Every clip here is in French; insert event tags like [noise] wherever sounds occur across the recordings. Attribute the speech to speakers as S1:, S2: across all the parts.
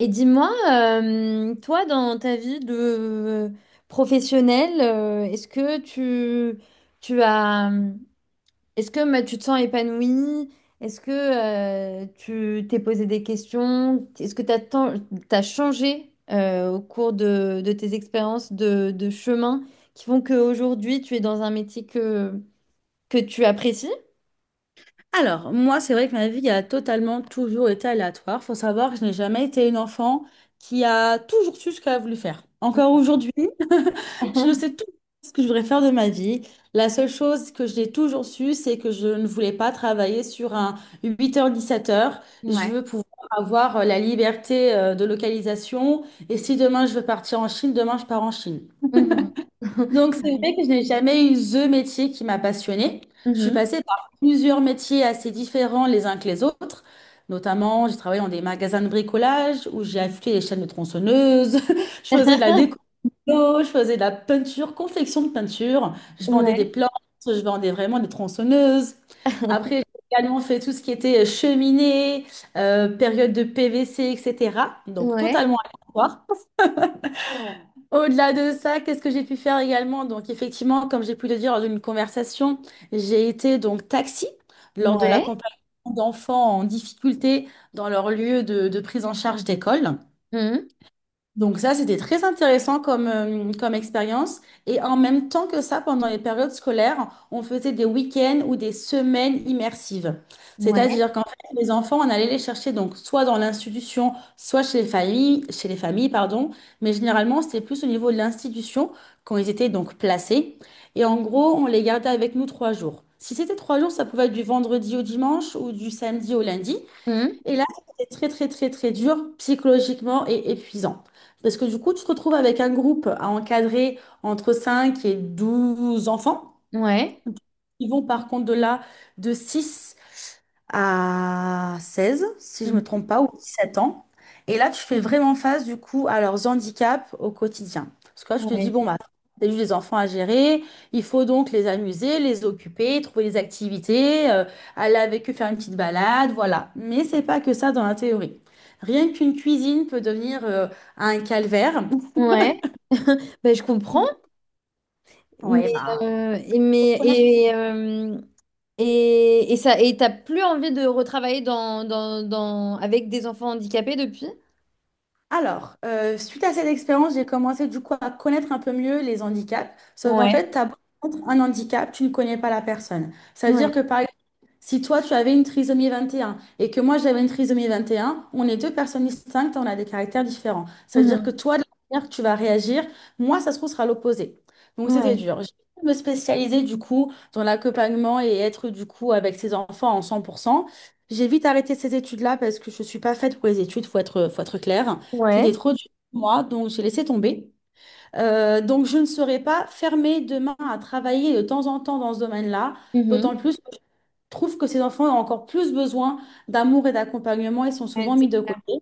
S1: Et dis-moi, toi, dans ta vie de professionnelle, est-ce que tu as, est-ce que tu te sens épanouie? Est-ce que tu t'es posé des questions? Est-ce que tu as, changé au cours de tes expériences de chemin qui font qu'aujourd'hui, tu es dans un métier que tu apprécies?
S2: Alors, moi, c'est vrai que ma vie a totalement toujours été aléatoire. Faut savoir que je n'ai jamais été une enfant qui a toujours su ce qu'elle a voulu faire. Encore aujourd'hui, [laughs] je ne
S1: [laughs]
S2: sais toujours pas ce que je voudrais faire de ma vie. La seule chose que j'ai toujours su, c'est que je ne voulais pas travailler sur un 8 h 17 heures. Je
S1: Ouais.
S2: veux pouvoir avoir la liberté de localisation. Et si demain je veux partir en Chine, demain je pars en Chine.
S1: Mhm.
S2: Donc, c'est
S1: [laughs]
S2: vrai que je n'ai jamais eu ce métier qui m'a passionnée. Je suis
S1: Mhm.
S2: passée par plusieurs métiers assez différents les uns que les autres. Notamment, j'ai travaillé dans des magasins de bricolage où j'ai affûté les chaînes de tronçonneuses. [laughs] Je faisais de la déco,
S1: [laughs]
S2: je faisais de la peinture, confection de peinture. Je vendais des
S1: Ouais.
S2: plantes, je vendais vraiment des tronçonneuses. Après, j'ai également fait tout ce qui était cheminée, période de PVC, etc. Donc,
S1: Ouais.
S2: totalement aléatoire. Au-delà de ça, qu'est-ce que j'ai pu faire également? Donc, effectivement, comme j'ai pu le dire lors d'une conversation, j'ai été donc taxi lors de
S1: Ouais.
S2: l'accompagnement d'enfants en difficulté dans leur lieu de prise en charge d'école.
S1: Hum.
S2: Donc ça, c'était très intéressant comme expérience. Et en même temps que ça, pendant les périodes scolaires, on faisait des week-ends ou des semaines immersives.
S1: Ouais.
S2: C'est-à-dire qu'en fait, les enfants, on allait les chercher donc soit dans l'institution, soit chez les familles, pardon. Mais généralement, c'était plus au niveau de l'institution quand ils étaient donc placés. Et en gros, on les gardait avec nous 3 jours. Si c'était 3 jours, ça pouvait être du vendredi au dimanche ou du samedi au lundi.
S1: Hum.
S2: Et là, c'était très, très, très, très dur psychologiquement et épuisant. Parce que du coup, tu te retrouves avec un groupe à encadrer entre 5 et 12 enfants.
S1: Ouais.
S2: Ils vont par contre de 6 à 16, si je me
S1: Mhm.
S2: trompe pas, ou 17 ans. Et là, tu fais vraiment face, du coup, à leurs handicaps au quotidien. Parce que là, je te dis,
S1: Ouais.
S2: bon, bah, t'as juste des enfants à gérer, il faut donc les amuser, les occuper, trouver des activités, aller avec eux faire une petite balade, voilà. Mais c'est pas que ça dans la théorie. Rien qu'une cuisine peut devenir un calvaire.
S1: Ouais. [laughs] Ben, je comprends,
S2: Ouais,
S1: mais,
S2: bah.
S1: et- mais et ça et t'as plus envie de retravailler dans avec des enfants handicapés depuis?
S2: Alors, suite à cette expérience, j'ai commencé du coup à connaître un peu mieux les handicaps. Sauf qu'en
S1: Ouais.
S2: fait, tu as un handicap, tu ne connais pas la personne. Ça veut
S1: Ouais.
S2: dire que par si toi, tu avais une trisomie 21 et que moi, j'avais une trisomie 21, on est deux personnes distinctes on a des caractères différents. C'est-à-dire
S1: Mhm.
S2: que toi, de la manière que tu vas réagir, moi, ça se trouve, sera l'opposé. Donc, c'était
S1: Ouais.
S2: dur. J'ai voulu me spécialiser du coup dans l'accompagnement et être du coup avec ces enfants en 100%. J'ai vite arrêté ces études-là parce que je ne suis pas faite pour les études, faut être clair. C'était
S1: Ouais.
S2: trop dur pour moi, donc j'ai laissé tomber. Donc, je ne serais pas fermée demain à travailler de temps en temps dans ce domaine-là,
S1: Mhm.
S2: d'autant plus trouve que ces enfants ont encore plus besoin d'amour et d'accompagnement et sont
S1: Ouais,
S2: souvent
S1: c'est
S2: mis de
S1: clair.
S2: côté.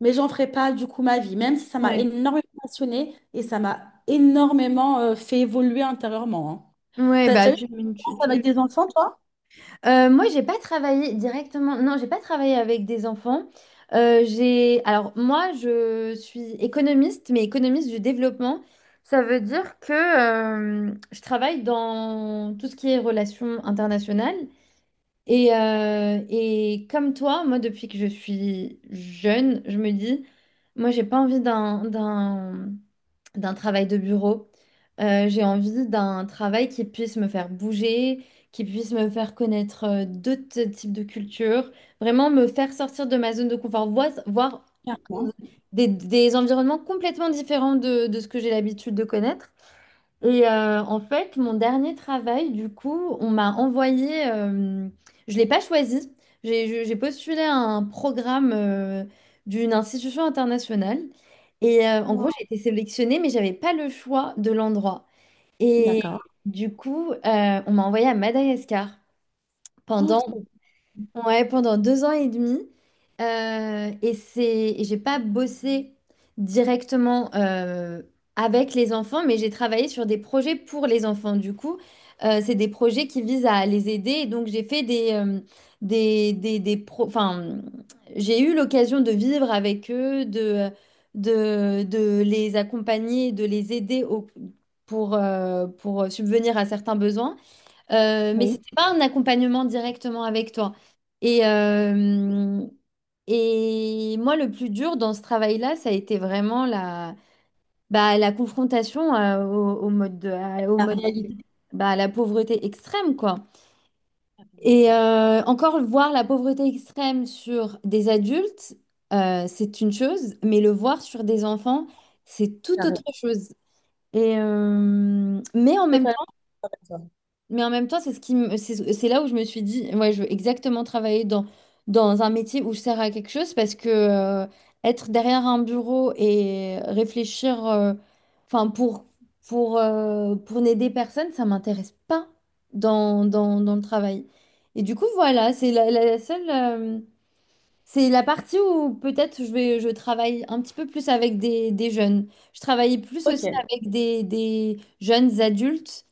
S2: Mais j'en ferai pas du coup ma vie, même si ça m'a
S1: Ouais.
S2: énormément passionnée et ça m'a énormément fait évoluer intérieurement. Hein.
S1: Ouais,
S2: T'as déjà eu des
S1: tu,
S2: expériences avec
S1: tu-
S2: des enfants, toi?
S1: Moi, j'ai pas travaillé directement. Non, j'ai pas travaillé avec des enfants. J'ai. Alors, moi, je suis économiste, mais économiste du développement. Ça veut dire que je travaille dans tout ce qui est relations internationales. Et comme toi, moi, depuis que je suis jeune, je me dis, moi, j'ai pas envie d'un travail de bureau. J'ai envie d'un travail qui puisse me faire bouger, qui puisse me faire connaître d'autres types de cultures, vraiment me faire sortir de ma zone de confort, voir,
S2: Clairement.
S1: des environnements complètement différents de ce que j'ai l'habitude de connaître. Et en fait, mon dernier travail, du coup, on m'a envoyé, je l'ai pas choisi, j'ai postulé à un programme d'une institution internationale. Et en gros,
S2: Wow.
S1: j'ai été sélectionnée, mais j'avais pas le choix de l'endroit. Et
S2: D'accord.
S1: du coup, on m'a envoyée à Madagascar
S2: Oh,
S1: pendant…
S2: trop bien.
S1: Ouais, pendant deux ans et demi. Et et j'ai pas bossé directement avec les enfants, mais j'ai travaillé sur des projets pour les enfants. Du coup, c'est des projets qui visent à les aider. Et donc, j'ai fait des, des j'ai eu l'occasion de vivre avec eux, de, de les accompagner, de les aider pour subvenir à certains besoins. Mais
S2: Oui.
S1: c'était pas un accompagnement directement avec toi. Et, euh, et moi, le plus dur dans ce travail-là, ça a été vraiment la confrontation au
S2: La
S1: mode,
S2: réalité.
S1: bah, à la pauvreté extrême, quoi. Et encore voir la pauvreté extrême sur des adultes, c'est une chose, mais le voir sur des enfants, c'est tout autre
S2: Carrément.
S1: chose. Et mais en même
S2: Totalement
S1: temps…
S2: d'accord.
S1: Mais en même temps, c'est ce qui c'est là où je me suis dit, ouais, je veux exactement travailler dans, dans un métier où je sers à quelque chose parce que être derrière un bureau et réfléchir, enfin, pour n'aider personne, ça m'intéresse pas dans le travail. Et du coup, voilà, c'est la seule, c'est la partie où peut-être je travaille un petit peu plus avec des jeunes. Je travaille plus
S2: Ok.
S1: aussi avec des jeunes adultes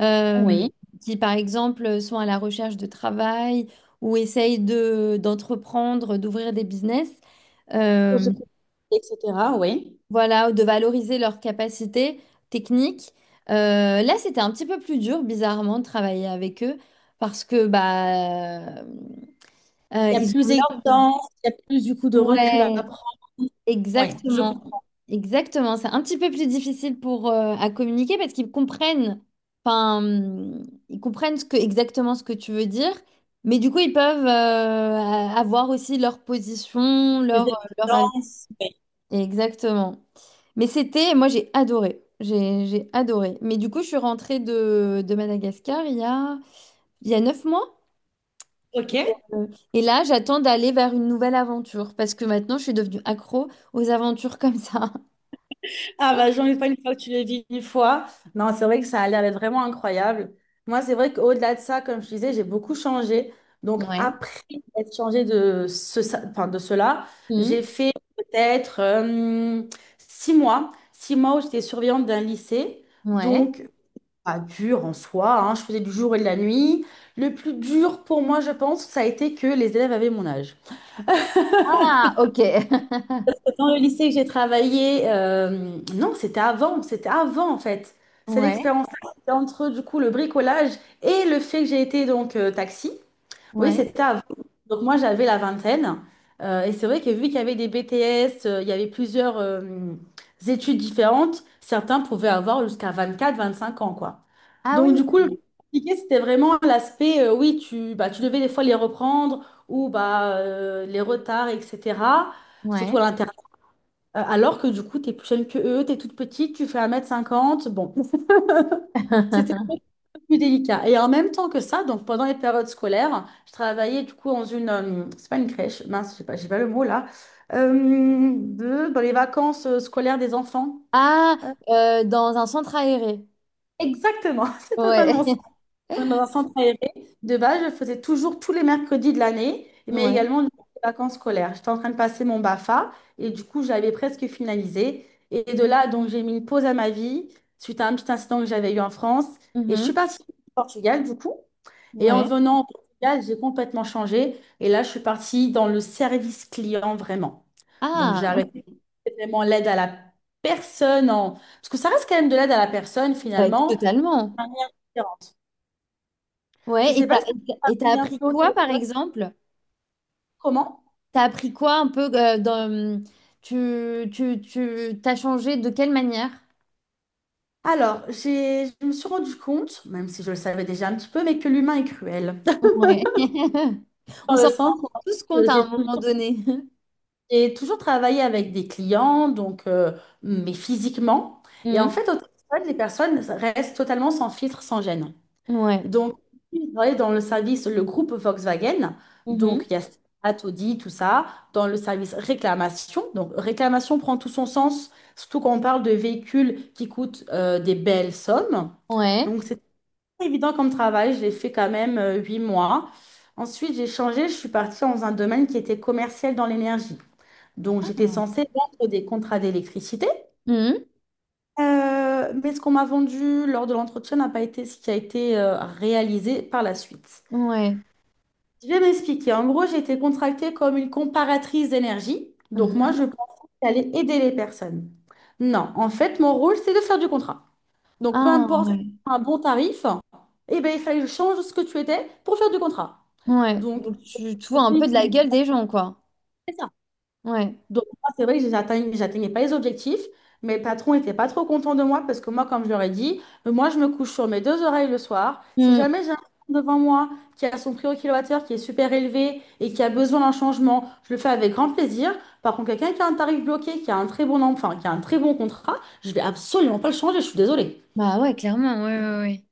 S1: euh,
S2: Oui,
S1: qui, par exemple, sont à la recherche de travail ou essayent de, d'entreprendre, d'ouvrir des business,
S2: projet
S1: euh,
S2: préparé, etc. Oui.
S1: voilà, de valoriser leurs capacités techniques. Là, c'était un petit peu plus dur, bizarrement, de travailler avec eux parce que
S2: Il y a
S1: ils
S2: plus
S1: ont leur…
S2: d'existence, il y a plus du coup de recul à
S1: Ouais.
S2: prendre. Oui, je
S1: Exactement,
S2: comprends.
S1: exactement. C'est un petit peu plus difficile pour à communiquer parce qu'ils comprennent, enfin, ils comprennent ce que, exactement ce que tu veux dire, mais du coup, ils peuvent avoir aussi leur position,
S2: Les
S1: leur, leur avis.
S2: exigences, oui.
S1: Exactement. Mais c'était, moi, j'ai adoré. J'ai adoré. Mais du coup, je suis rentrée de Madagascar il y a 9 mois.
S2: Ok.
S1: Et, euh, et là, j'attends d'aller vers une nouvelle aventure parce que maintenant, je suis devenue accro aux aventures [laughs] comme ça.
S2: Ah bah j'en ai pas une fois que tu le vis une fois. Non, c'est vrai que ça a l'air d'être vraiment incroyable. Moi, c'est vrai qu'au-delà de ça, comme je disais, j'ai beaucoup changé. Donc
S1: Ouais.
S2: après être changé de enfin, de cela, j'ai
S1: Hmm,
S2: fait peut-être 6 mois. 6 mois où j'étais surveillante d'un lycée.
S1: ouais.
S2: Donc pas dur en soi, hein, je faisais du jour et de la nuit. Le plus dur pour moi, je pense, ça a été que les élèves avaient mon âge.
S1: Ah, ok. [laughs]
S2: Dans le lycée que j'ai travaillé, non, c'était avant en fait. C'est
S1: Ouais,
S2: l'expérience-là, c'était entre du coup le bricolage et le fait que j'ai été donc taxi. Oui,
S1: ouais.
S2: c'était avant. Donc moi, j'avais la vingtaine. Et c'est vrai que vu qu'il y avait des BTS, il y avait plusieurs études différentes, certains pouvaient avoir jusqu'à 24, 25 ans, quoi.
S1: Ah
S2: Donc
S1: oui,
S2: du coup, le plus compliqué, c'était vraiment l'aspect, oui, bah, tu devais des fois les reprendre ou bah, les retards, etc. Surtout
S1: ouais.
S2: à l'intérieur. Alors que du coup, tu es plus jeune que eux, tu es toute petite, tu fais un mètre cinquante. Bon, [laughs] c'était
S1: [laughs]
S2: plus délicat. Et en même temps que ça, donc pendant les périodes scolaires, je travaillais du coup dans une, c'est pas une crèche, mince, j'ai pas le mot là, dans les vacances scolaires des enfants.
S1: Ah,
S2: Euh,
S1: dans un centre aéré.
S2: Exactement, [laughs] c'est
S1: Ouais,
S2: totalement
S1: [laughs]
S2: dans un centre aéré. De base, je faisais toujours tous les mercredis de l'année, mais
S1: ouais.
S2: également durant les vacances scolaires. J'étais en train de passer mon BAFA et du coup, j'avais presque finalisé. Et de là, donc, j'ai mis une pause à ma vie suite à un petit incident que j'avais eu en France. Et je suis
S1: Mhm.
S2: partie au Portugal, du coup. Et en
S1: Ouais.
S2: venant au Portugal, j'ai complètement changé. Et là, je suis partie dans le service client vraiment. Donc,
S1: Ah,
S2: j'ai
S1: ok.
S2: arrêté vraiment l'aide à la personne. En... Parce que ça reste quand même de l'aide à la personne,
S1: Ouais,
S2: finalement.
S1: totalement.
S2: Je
S1: Ouais, et
S2: sais pas si ça
S1: t'as
S2: travaillé un
S1: appris
S2: peu au
S1: quoi, par
S2: téléphone.
S1: exemple?
S2: Comment?
S1: T'as appris quoi un peu dans… t'as changé de quelle manière?
S2: Alors, je me suis rendu compte, même si je le savais déjà un petit peu, mais que l'humain est cruel.
S1: Ouais. [laughs]
S2: [laughs]
S1: On
S2: Dans
S1: s'en
S2: le
S1: rend
S2: sens
S1: tous
S2: où euh,
S1: compte à
S2: j'ai
S1: un moment donné. [laughs]
S2: j'ai toujours travaillé avec des clients, donc, mais physiquement. Et en
S1: Hmm.
S2: fait, au téléphone, les personnes restent totalement sans filtre, sans gêne.
S1: Ouais.
S2: Donc, il travaillait dans le service, le groupe Volkswagen.
S1: Mhm.
S2: Donc, il y a Audi, tout ça, dans le service réclamation. Donc, réclamation prend tout son sens, surtout quand on parle de véhicules qui coûtent des belles sommes.
S1: Ouais.
S2: Donc, c'est pas évident comme travail. J'ai fait quand même 8 mois. Ensuite, j'ai changé. Je suis partie dans un domaine qui était commercial dans l'énergie. Donc,
S1: Ah.
S2: j'étais censée vendre des contrats d'électricité.
S1: Mmh.
S2: Mais ce qu'on m'a vendu lors de l'entretien n'a pas été ce qui a été réalisé par la suite.
S1: Ouais.
S2: Je vais m'expliquer. En gros, j'ai été contractée comme une comparatrice d'énergie. Donc, moi,
S1: Mhm.
S2: je pensais que j'allais aider les personnes. Non, en fait, mon rôle, c'est de faire du contrat. Donc, peu
S1: Ah,
S2: importe
S1: ouais.
S2: un bon tarif, eh ben, il fallait que je change ce que tu étais pour faire du contrat.
S1: Ouais.
S2: Donc,
S1: Donc, tu vois un peu de la gueule des gens, quoi.
S2: c'est ça.
S1: Ouais.
S2: Donc, moi, c'est vrai que j'atteignais pas les objectifs. Mes patrons n'étaient pas trop contents de moi parce que moi, comme je leur ai dit, moi, je me couche sur mes deux oreilles le soir. Si
S1: Mm.
S2: jamais j'ai un client devant moi qui a son prix au kilowattheure qui est super élevé et qui a besoin d'un changement, je le fais avec grand plaisir. Par contre, quelqu'un qui a un tarif bloqué, qui a un très bon, enfin, qui a un très bon contrat, je vais absolument pas le changer, je suis désolée.
S1: Bah ouais, clairement, ouais, ouais, ouais.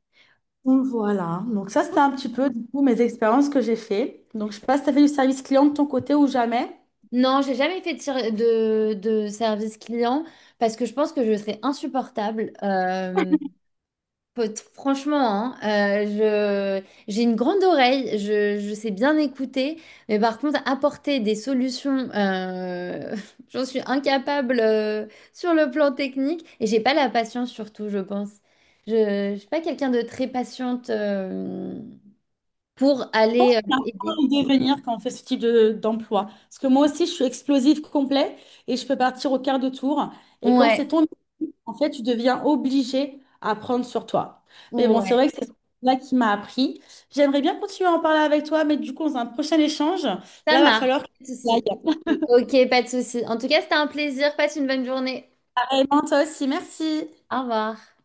S2: Donc voilà, donc ça c'était un petit peu du coup mes expériences que j'ai fait. Donc je sais pas si tu as fait du service client de ton côté ou jamais.
S1: Non, j'ai jamais fait de service client parce que je pense que je serais insupportable. Faut- Franchement, hein, euh, j'ai une grande oreille, je sais bien écouter, mais par contre, apporter des solutions, [laughs] j'en suis incapable sur le plan technique et j'ai pas la patience surtout, je pense. Je suis pas quelqu'un de très patiente pour
S2: Pense
S1: aller
S2: qu'on apprend à
S1: aider.
S2: le devenir quand on fait ce type d'emploi. Parce que moi aussi, je suis explosive complet et je peux partir au quart de tour. Et quand
S1: Ouais,
S2: c'est ton, en fait, tu deviens obligé à prendre sur toi. Mais bon, c'est
S1: ouais,
S2: vrai que c'est là qui m'a appris. J'aimerais bien continuer à en parler avec toi, mais du coup, dans un prochain échange, là,
S1: ça
S2: va
S1: marche.
S2: falloir que
S1: Pas de
S2: j'y
S1: souci.
S2: aille.
S1: Ok, pas de souci. En tout cas, c'était un plaisir. Passe une bonne journée.
S2: Pareillement, toi aussi, merci.
S1: Au revoir.